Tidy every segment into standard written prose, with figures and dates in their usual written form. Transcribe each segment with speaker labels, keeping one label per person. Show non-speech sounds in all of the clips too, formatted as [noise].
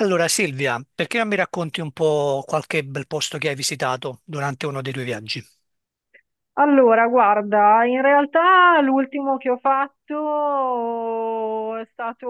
Speaker 1: Allora Silvia, perché non mi racconti un po' qualche bel posto che hai visitato durante uno dei tuoi viaggi?
Speaker 2: Allora, guarda, in realtà l'ultimo che ho fatto è stato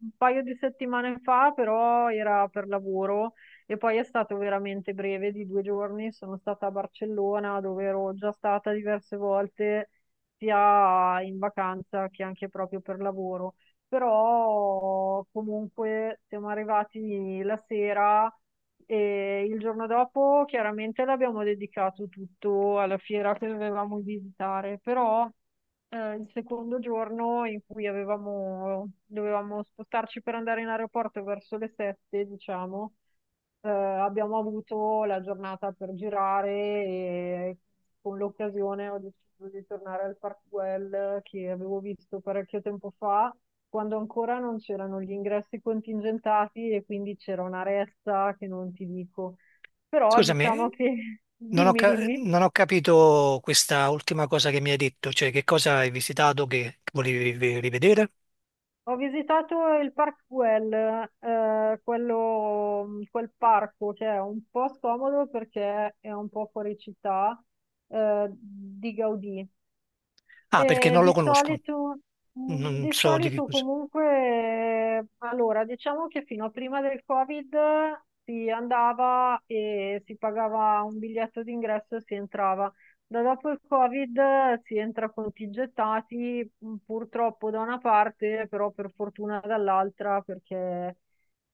Speaker 2: un paio di settimane fa, però era per lavoro e poi è stato veramente breve, di 2 giorni. Sono stata a Barcellona, dove ero già stata diverse volte, sia in vacanza che anche proprio per lavoro. Però comunque siamo arrivati la sera. E il giorno dopo chiaramente l'abbiamo dedicato tutto alla fiera che dovevamo visitare, però il secondo giorno in cui dovevamo spostarci per andare in aeroporto verso le 7, diciamo, abbiamo avuto la giornata per girare e con l'occasione ho deciso di tornare al Park Güell che avevo visto parecchio tempo fa quando ancora non c'erano gli ingressi contingentati e quindi c'era una ressa che non ti dico. Però diciamo
Speaker 1: Scusami,
Speaker 2: che, [laughs] dimmi, dimmi,
Speaker 1: non ho capito questa ultima cosa che mi hai detto, cioè che cosa hai visitato che volevi rivedere?
Speaker 2: ho visitato il Parkwell, quel parco che è un po' scomodo perché è un po' fuori città, di Gaudì.
Speaker 1: Ah, perché
Speaker 2: Eh,
Speaker 1: non lo
Speaker 2: di
Speaker 1: conosco,
Speaker 2: solito, mh,
Speaker 1: non
Speaker 2: di
Speaker 1: so di che
Speaker 2: solito
Speaker 1: cosa.
Speaker 2: comunque, allora, diciamo che fino a prima del Covid si andava e si pagava un biglietto d'ingresso e si entrava. Da dopo il Covid si entra contingentati, purtroppo da una parte, però per fortuna dall'altra, perché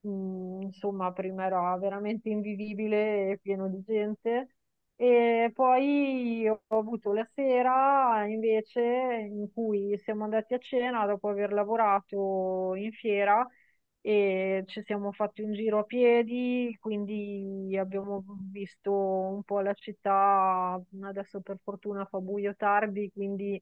Speaker 2: insomma prima era veramente invivibile e pieno di gente. E poi ho avuto la sera invece in cui siamo andati a cena dopo aver lavorato in fiera e ci siamo fatti un giro a piedi, quindi abbiamo visto un po' la città. Adesso per fortuna fa buio tardi, quindi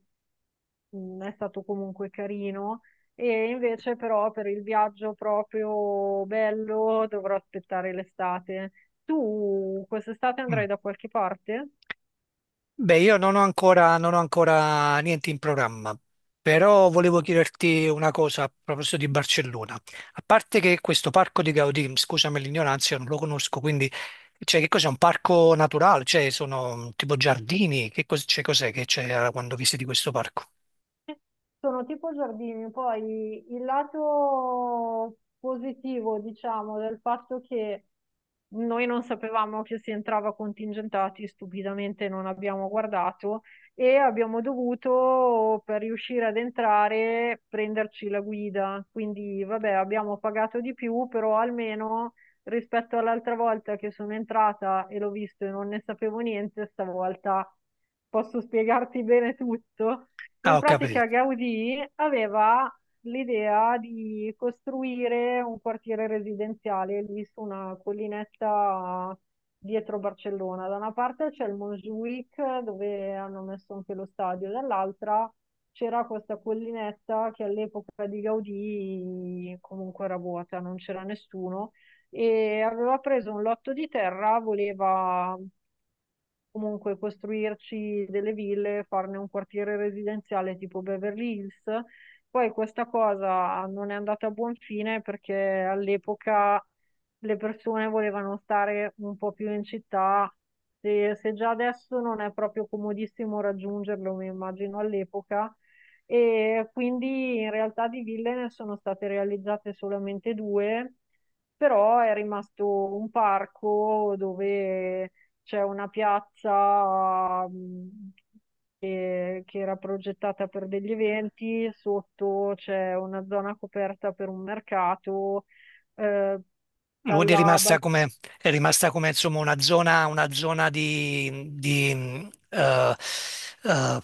Speaker 2: è stato comunque carino. E invece però per il viaggio proprio bello dovrò aspettare l'estate. Tu quest'estate andrai da qualche parte?
Speaker 1: Beh, io non ho ancora niente in programma, però volevo chiederti una cosa a proposito di Barcellona. A parte che questo parco di Gaudì, scusami l'ignoranza, io non lo conosco, quindi cioè, che cos'è? Un parco naturale? Cioè, sono tipo giardini? Cioè, cos'è che c'è quando visiti questo parco?
Speaker 2: Sono tipo giardini, poi il lato positivo, diciamo, del fatto che noi non sapevamo che si entrava contingentati, stupidamente non abbiamo guardato e abbiamo dovuto, per riuscire ad entrare, prenderci la guida. Quindi, vabbè, abbiamo pagato di più, però almeno rispetto all'altra volta che sono entrata e l'ho visto e non ne sapevo niente, stavolta posso spiegarti bene tutto.
Speaker 1: Ah,
Speaker 2: In
Speaker 1: ho capito.
Speaker 2: pratica Gaudì aveva l'idea di costruire un quartiere residenziale lì su una collinetta dietro Barcellona. Da una parte c'è il Montjuïc dove hanno messo anche lo stadio, dall'altra c'era questa collinetta che all'epoca di Gaudì comunque era vuota, non c'era nessuno e aveva preso un lotto di terra, voleva comunque costruirci delle ville, farne un quartiere residenziale tipo Beverly Hills. Poi questa cosa non è andata a buon fine perché all'epoca le persone volevano stare un po' più in città. Se, se già adesso non è proprio comodissimo raggiungerlo, mi immagino all'epoca. E quindi in realtà di ville ne sono state realizzate solamente due, però è rimasto un parco dove c'è una piazza che era progettata per degli eventi, sotto c'è una zona coperta per un mercato, eh,
Speaker 1: Quindi è
Speaker 2: dalla
Speaker 1: rimasta
Speaker 2: bal-
Speaker 1: come, è rimasta come, insomma, una zona eh,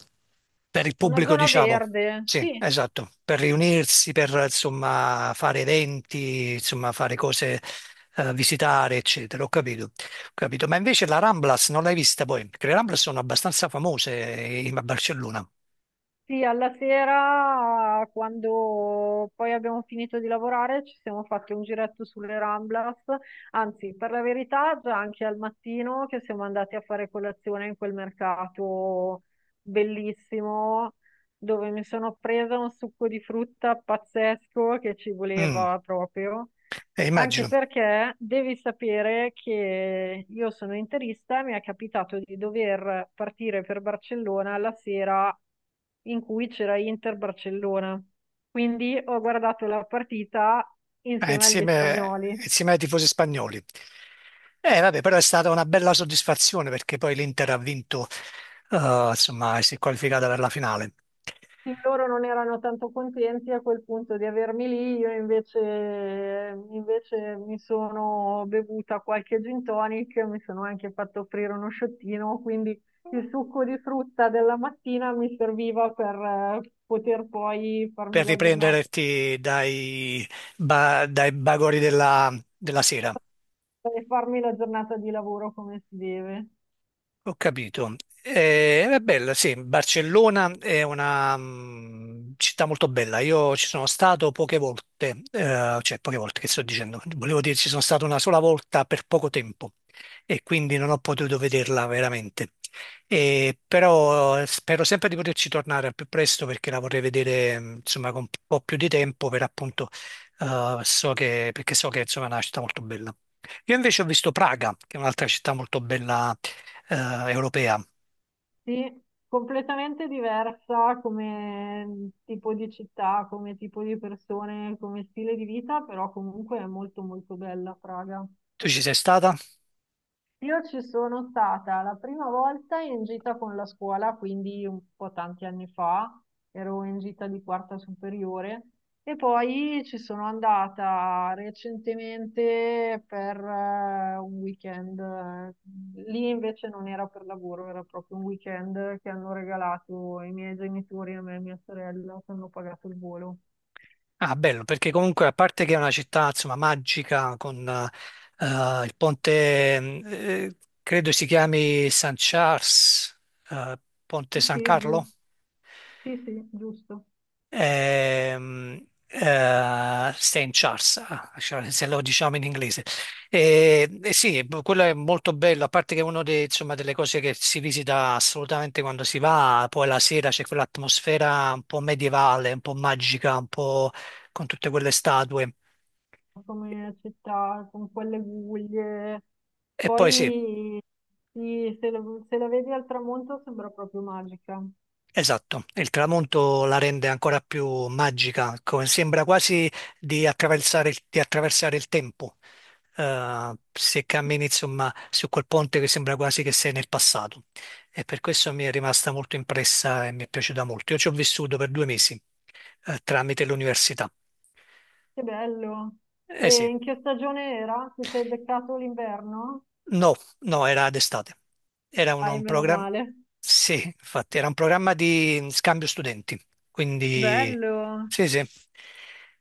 Speaker 1: per il
Speaker 2: una
Speaker 1: pubblico,
Speaker 2: zona
Speaker 1: diciamo.
Speaker 2: verde,
Speaker 1: Sì,
Speaker 2: sì.
Speaker 1: esatto, per riunirsi, per insomma fare eventi, insomma fare cose, visitare, eccetera. Ho capito. Capito? Ma invece la Ramblas non l'hai vista poi? Perché le Ramblas sono abbastanza famose a Barcellona.
Speaker 2: Sì, alla sera, quando poi abbiamo finito di lavorare, ci siamo fatti un giretto sulle Ramblas, anzi, per la verità, già anche al mattino che siamo andati a fare colazione in quel mercato bellissimo, dove mi sono presa un succo di frutta pazzesco che ci
Speaker 1: Mm,
Speaker 2: voleva proprio. Anche
Speaker 1: immagino.
Speaker 2: perché devi sapere che io sono interista, mi è capitato di dover partire per Barcellona la sera in cui c'era Inter-Barcellona. Quindi ho guardato la partita
Speaker 1: Eh,
Speaker 2: insieme agli
Speaker 1: insieme,
Speaker 2: spagnoli.
Speaker 1: insieme ai tifosi spagnoli. Vabbè, però è stata una bella soddisfazione perché poi l'Inter ha vinto, insomma, si è qualificata per la finale.
Speaker 2: Sì, loro non erano tanto contenti a quel punto di avermi lì, io invece mi sono bevuta qualche gin tonic, mi sono anche fatto offrire uno sciottino, quindi il succo di frutta della mattina mi serviva per poter poi farmi
Speaker 1: Per
Speaker 2: la giornata,
Speaker 1: riprenderti dai bagori della sera.
Speaker 2: per farmi la giornata di lavoro come si deve.
Speaker 1: Ho capito. È bella, sì, Barcellona è una città molto bella. Io ci sono stato poche volte, cioè poche volte che sto dicendo, volevo dire ci sono stato una sola volta per poco tempo e quindi non ho potuto vederla veramente. E però spero sempre di poterci tornare al più presto perché la vorrei vedere insomma con un po' più di tempo per appunto perché so che insomma, è una città molto bella. Io invece ho visto Praga, che è un'altra città molto bella eh, europea.
Speaker 2: Sì, completamente diversa come tipo di città, come tipo di persone, come stile di vita, però comunque è molto molto bella Praga.
Speaker 1: Tu ci sei stata?
Speaker 2: Io ci sono stata la prima volta in gita con la scuola, quindi un po' tanti anni fa, ero in gita di quarta superiore e poi ci sono andata recentemente per un weekend. Lì invece non era per lavoro, era proprio un weekend che hanno regalato i miei genitori a me e mia sorella, che hanno pagato il volo.
Speaker 1: Ah, bello, perché comunque a parte che è una città, insomma, magica con il ponte, credo si chiami San Charles, eh, Ponte San
Speaker 2: Sì,
Speaker 1: Carlo.
Speaker 2: giusto. Sì, sì, giusto.
Speaker 1: ehm, St. Charles, ah, cioè, se lo diciamo in inglese. E sì, quello è molto bello, a parte che è una delle cose che si visita assolutamente quando si va, poi la sera c'è quell'atmosfera un po' medievale, un po' magica, un po' con tutte quelle statue.
Speaker 2: Come città, con quelle guglie.
Speaker 1: E poi sì.
Speaker 2: Poi sì, se la vedi al tramonto sembra proprio magica.
Speaker 1: Esatto, il tramonto la rende ancora più magica, sembra quasi di attraversare di attraversare il tempo. Se cammini insomma su quel ponte che sembra quasi che sei nel passato e per questo mi è rimasta molto impressa e mi è piaciuta molto. Io ci ho vissuto per 2 mesi tramite l'università.
Speaker 2: Che bello.
Speaker 1: Eh
Speaker 2: E
Speaker 1: sì.
Speaker 2: in che stagione era? Ti sei beccato l'inverno?
Speaker 1: No, no, era d'estate. Era
Speaker 2: Ai
Speaker 1: un
Speaker 2: meno
Speaker 1: programma,
Speaker 2: male.
Speaker 1: sì, infatti, era un programma di scambio studenti. Quindi,
Speaker 2: Bello.
Speaker 1: sì, sì.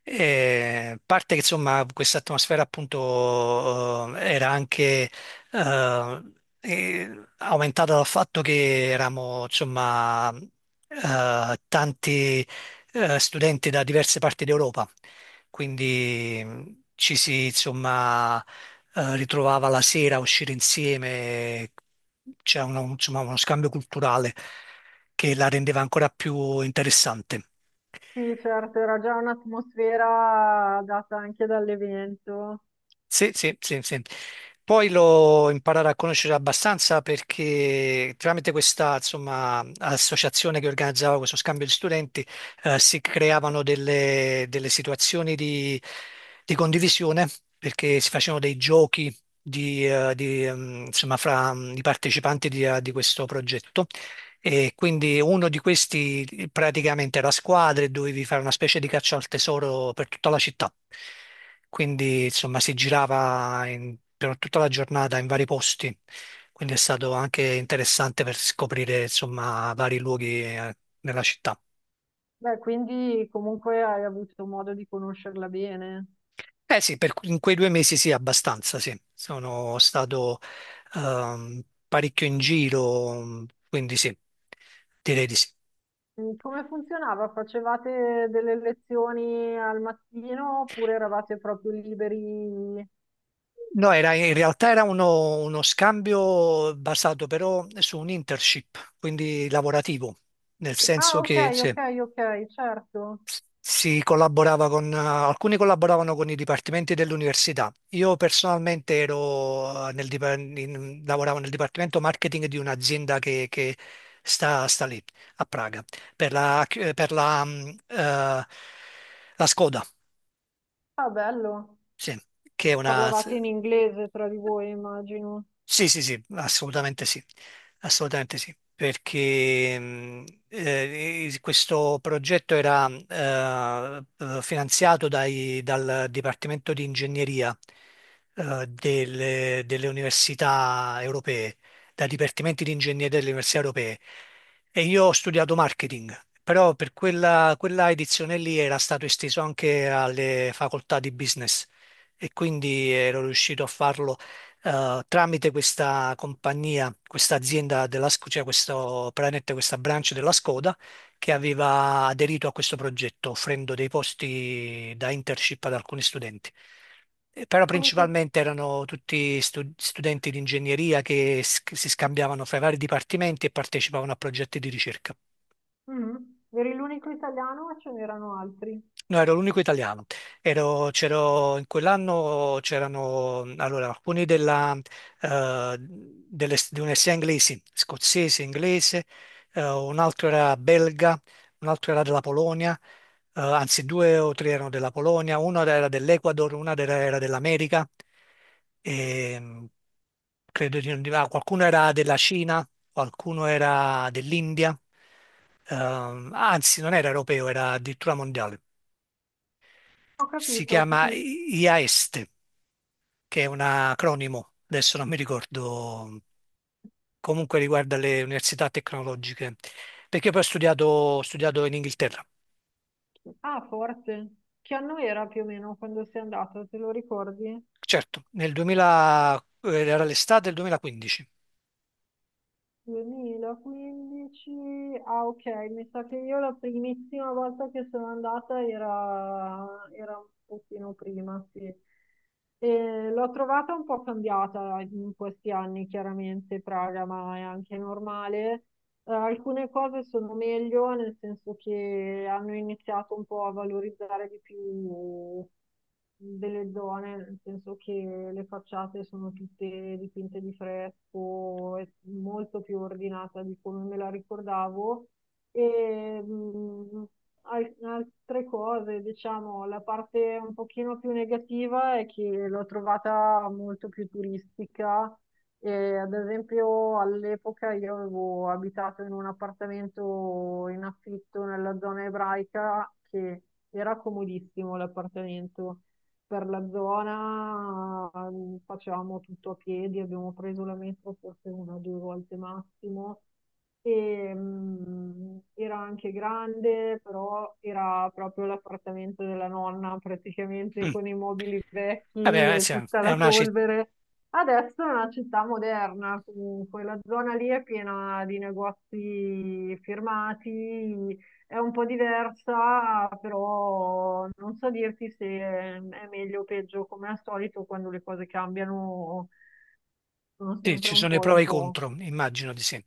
Speaker 1: E, a parte che insomma questa atmosfera appunto era anche eh, aumentata dal fatto che eravamo insomma tanti studenti da diverse parti d'Europa, quindi ci si insomma ritrovava la sera a uscire insieme, c'è uno, insomma, uno scambio culturale che la rendeva ancora più interessante.
Speaker 2: Sì, certo, era già un'atmosfera data anche dall'evento.
Speaker 1: Sì, sì, sì, sì. Poi lo imparare a conoscere abbastanza perché tramite questa, insomma, associazione che organizzava questo scambio di studenti, si creavano delle situazioni di condivisione perché si facevano dei giochi insomma, fra i partecipanti di questo progetto e quindi uno di questi praticamente era a squadre e dovevi fare una specie di caccia al tesoro per tutta la città. Quindi insomma si girava per tutta la giornata in vari posti. Quindi è stato anche interessante per scoprire insomma vari luoghi nella città.
Speaker 2: Beh, quindi comunque hai avuto modo di conoscerla bene.
Speaker 1: Eh sì, in quei 2 mesi sì, abbastanza sì. Sono stato ehm, parecchio in giro, quindi sì, direi di sì.
Speaker 2: Come funzionava? Facevate delle lezioni al mattino oppure eravate proprio liberi?
Speaker 1: No, in realtà era uno scambio basato però su un internship, quindi lavorativo, nel senso
Speaker 2: Ah, ok,
Speaker 1: che sì,
Speaker 2: ok, ok, certo.
Speaker 1: si collaborava alcuni collaboravano con i dipartimenti dell'università. Io personalmente ero nel, dipa- in- lavoravo nel dipartimento marketing di un'azienda che sta lì, a Praga, per la, per la, mm, eh, la Skoda,
Speaker 2: Ah, bello.
Speaker 1: sì, che è una...
Speaker 2: Parlavate in inglese tra di voi, immagino.
Speaker 1: Sì, sì, sì, assolutamente sì, assolutamente sì, perché questo progetto era finanziato dal Dipartimento di Ingegneria delle, università europee, dai dipartimenti di ingegneria delle università europee. E io ho studiato marketing, però per quella edizione lì era stato esteso anche alle facoltà di business e quindi ero riuscito a farlo tramite questa compagnia, questa azienda cioè questo, praticamente questa branch della Skoda che aveva aderito a questo progetto offrendo dei posti da internship ad alcuni studenti. Però
Speaker 2: Unico...
Speaker 1: principalmente erano tutti studenti di ingegneria che si scambiavano fra i vari dipartimenti e partecipavano a progetti di ricerca.
Speaker 2: Mm, Eri l'unico italiano o ce n'erano altri?
Speaker 1: No, ero l'unico italiano. In quell'anno c'erano allora, alcuni di una sia inglesi, scozzese, inglese, un altro era belga, un altro era della Polonia, anzi due o tre erano della Polonia, uno era dell'Ecuador, una era dell'America, e, credo ah, qualcuno era della Cina, qualcuno era dell'India, anzi non era europeo, era addirittura mondiale.
Speaker 2: Ho
Speaker 1: Si
Speaker 2: capito, ho
Speaker 1: chiama
Speaker 2: capito.
Speaker 1: IAESTE, che è un acronimo, adesso non mi ricordo, comunque riguarda le università tecnologiche, perché poi ho studiato in Inghilterra,
Speaker 2: Ah, forse. Che anno era più o meno quando sei andato, te lo ricordi?
Speaker 1: certo, nel 2000, era l'estate del 2015.
Speaker 2: 2015, ah ok, mi sa che io la primissima volta che sono andata era, era un pochino prima, sì. E l'ho trovata un po' cambiata in questi anni, chiaramente Praga, ma è anche normale. Alcune cose sono meglio, nel senso che hanno iniziato un po' a valorizzare di più delle zone, nel senso che le facciate sono tutte dipinte di fresco, è molto più ordinata di come me la ricordavo. E, altre cose, diciamo, la parte un pochino più negativa è che l'ho trovata molto più turistica e, ad esempio, all'epoca io avevo abitato in un appartamento in affitto nella zona ebraica che era comodissimo l'appartamento per la zona, facevamo tutto a piedi, abbiamo preso la metro forse una o due volte massimo. E, era anche grande, però era proprio l'appartamento della nonna, praticamente
Speaker 1: Mm,
Speaker 2: con i mobili vecchi
Speaker 1: Vabbè,
Speaker 2: e
Speaker 1: sì,
Speaker 2: tutta
Speaker 1: è
Speaker 2: la
Speaker 1: una, ci-
Speaker 2: polvere. Adesso è una città moderna, comunque, la zona lì è piena di negozi firmati, è un po' diversa, però non so dirti se è meglio o peggio, come al solito quando le cose cambiano sono
Speaker 1: Sì,
Speaker 2: sempre
Speaker 1: ci sono i pro
Speaker 2: un
Speaker 1: e i
Speaker 2: po'.
Speaker 1: contro, immagino di sì.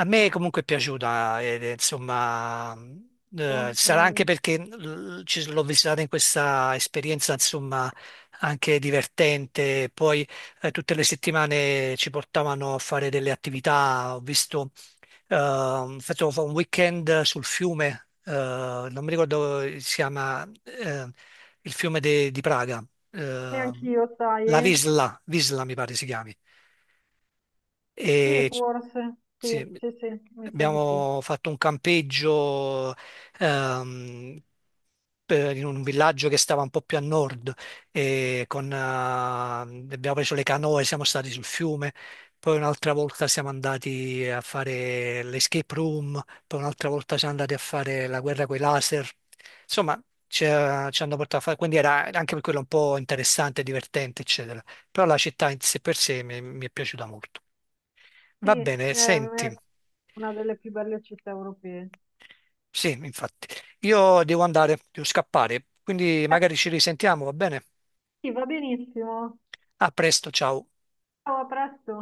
Speaker 1: A me comunque è piaciuta, ed è, insomma, sarà anche
Speaker 2: Eh,
Speaker 1: perché l'ho visitata in questa esperienza, insomma, anche divertente. Poi tutte le settimane ci portavano a fare delle attività. Ho visto, facevo un weekend sul fiume, non mi ricordo come si chiama, il fiume di Praga,
Speaker 2: E
Speaker 1: eh,
Speaker 2: anch'io, sai,
Speaker 1: la
Speaker 2: eh?
Speaker 1: Visla, Visla mi pare si chiami.
Speaker 2: Sì,
Speaker 1: E
Speaker 2: forse, sì,
Speaker 1: sì,
Speaker 2: sì, sì, mi sa di sì.
Speaker 1: abbiamo fatto un campeggio ehm, in un villaggio che stava un po' più a nord e abbiamo preso le canoe, siamo stati sul fiume, poi un'altra volta siamo andati a fare l'escape room, poi un'altra volta siamo andati a fare la guerra coi laser. Insomma, ci hanno portato a fare, quindi era anche per quello un po' interessante, divertente, eccetera. Però la città in sé per sé mi è piaciuta molto.
Speaker 2: Sì,
Speaker 1: Va bene,
Speaker 2: è
Speaker 1: senti,
Speaker 2: una delle più belle città europee.
Speaker 1: sì, infatti, io devo andare, devo scappare, quindi
Speaker 2: Eh,
Speaker 1: magari ci risentiamo, va bene?
Speaker 2: Sì, va benissimo.
Speaker 1: A presto, ciao.
Speaker 2: Ciao, a presto.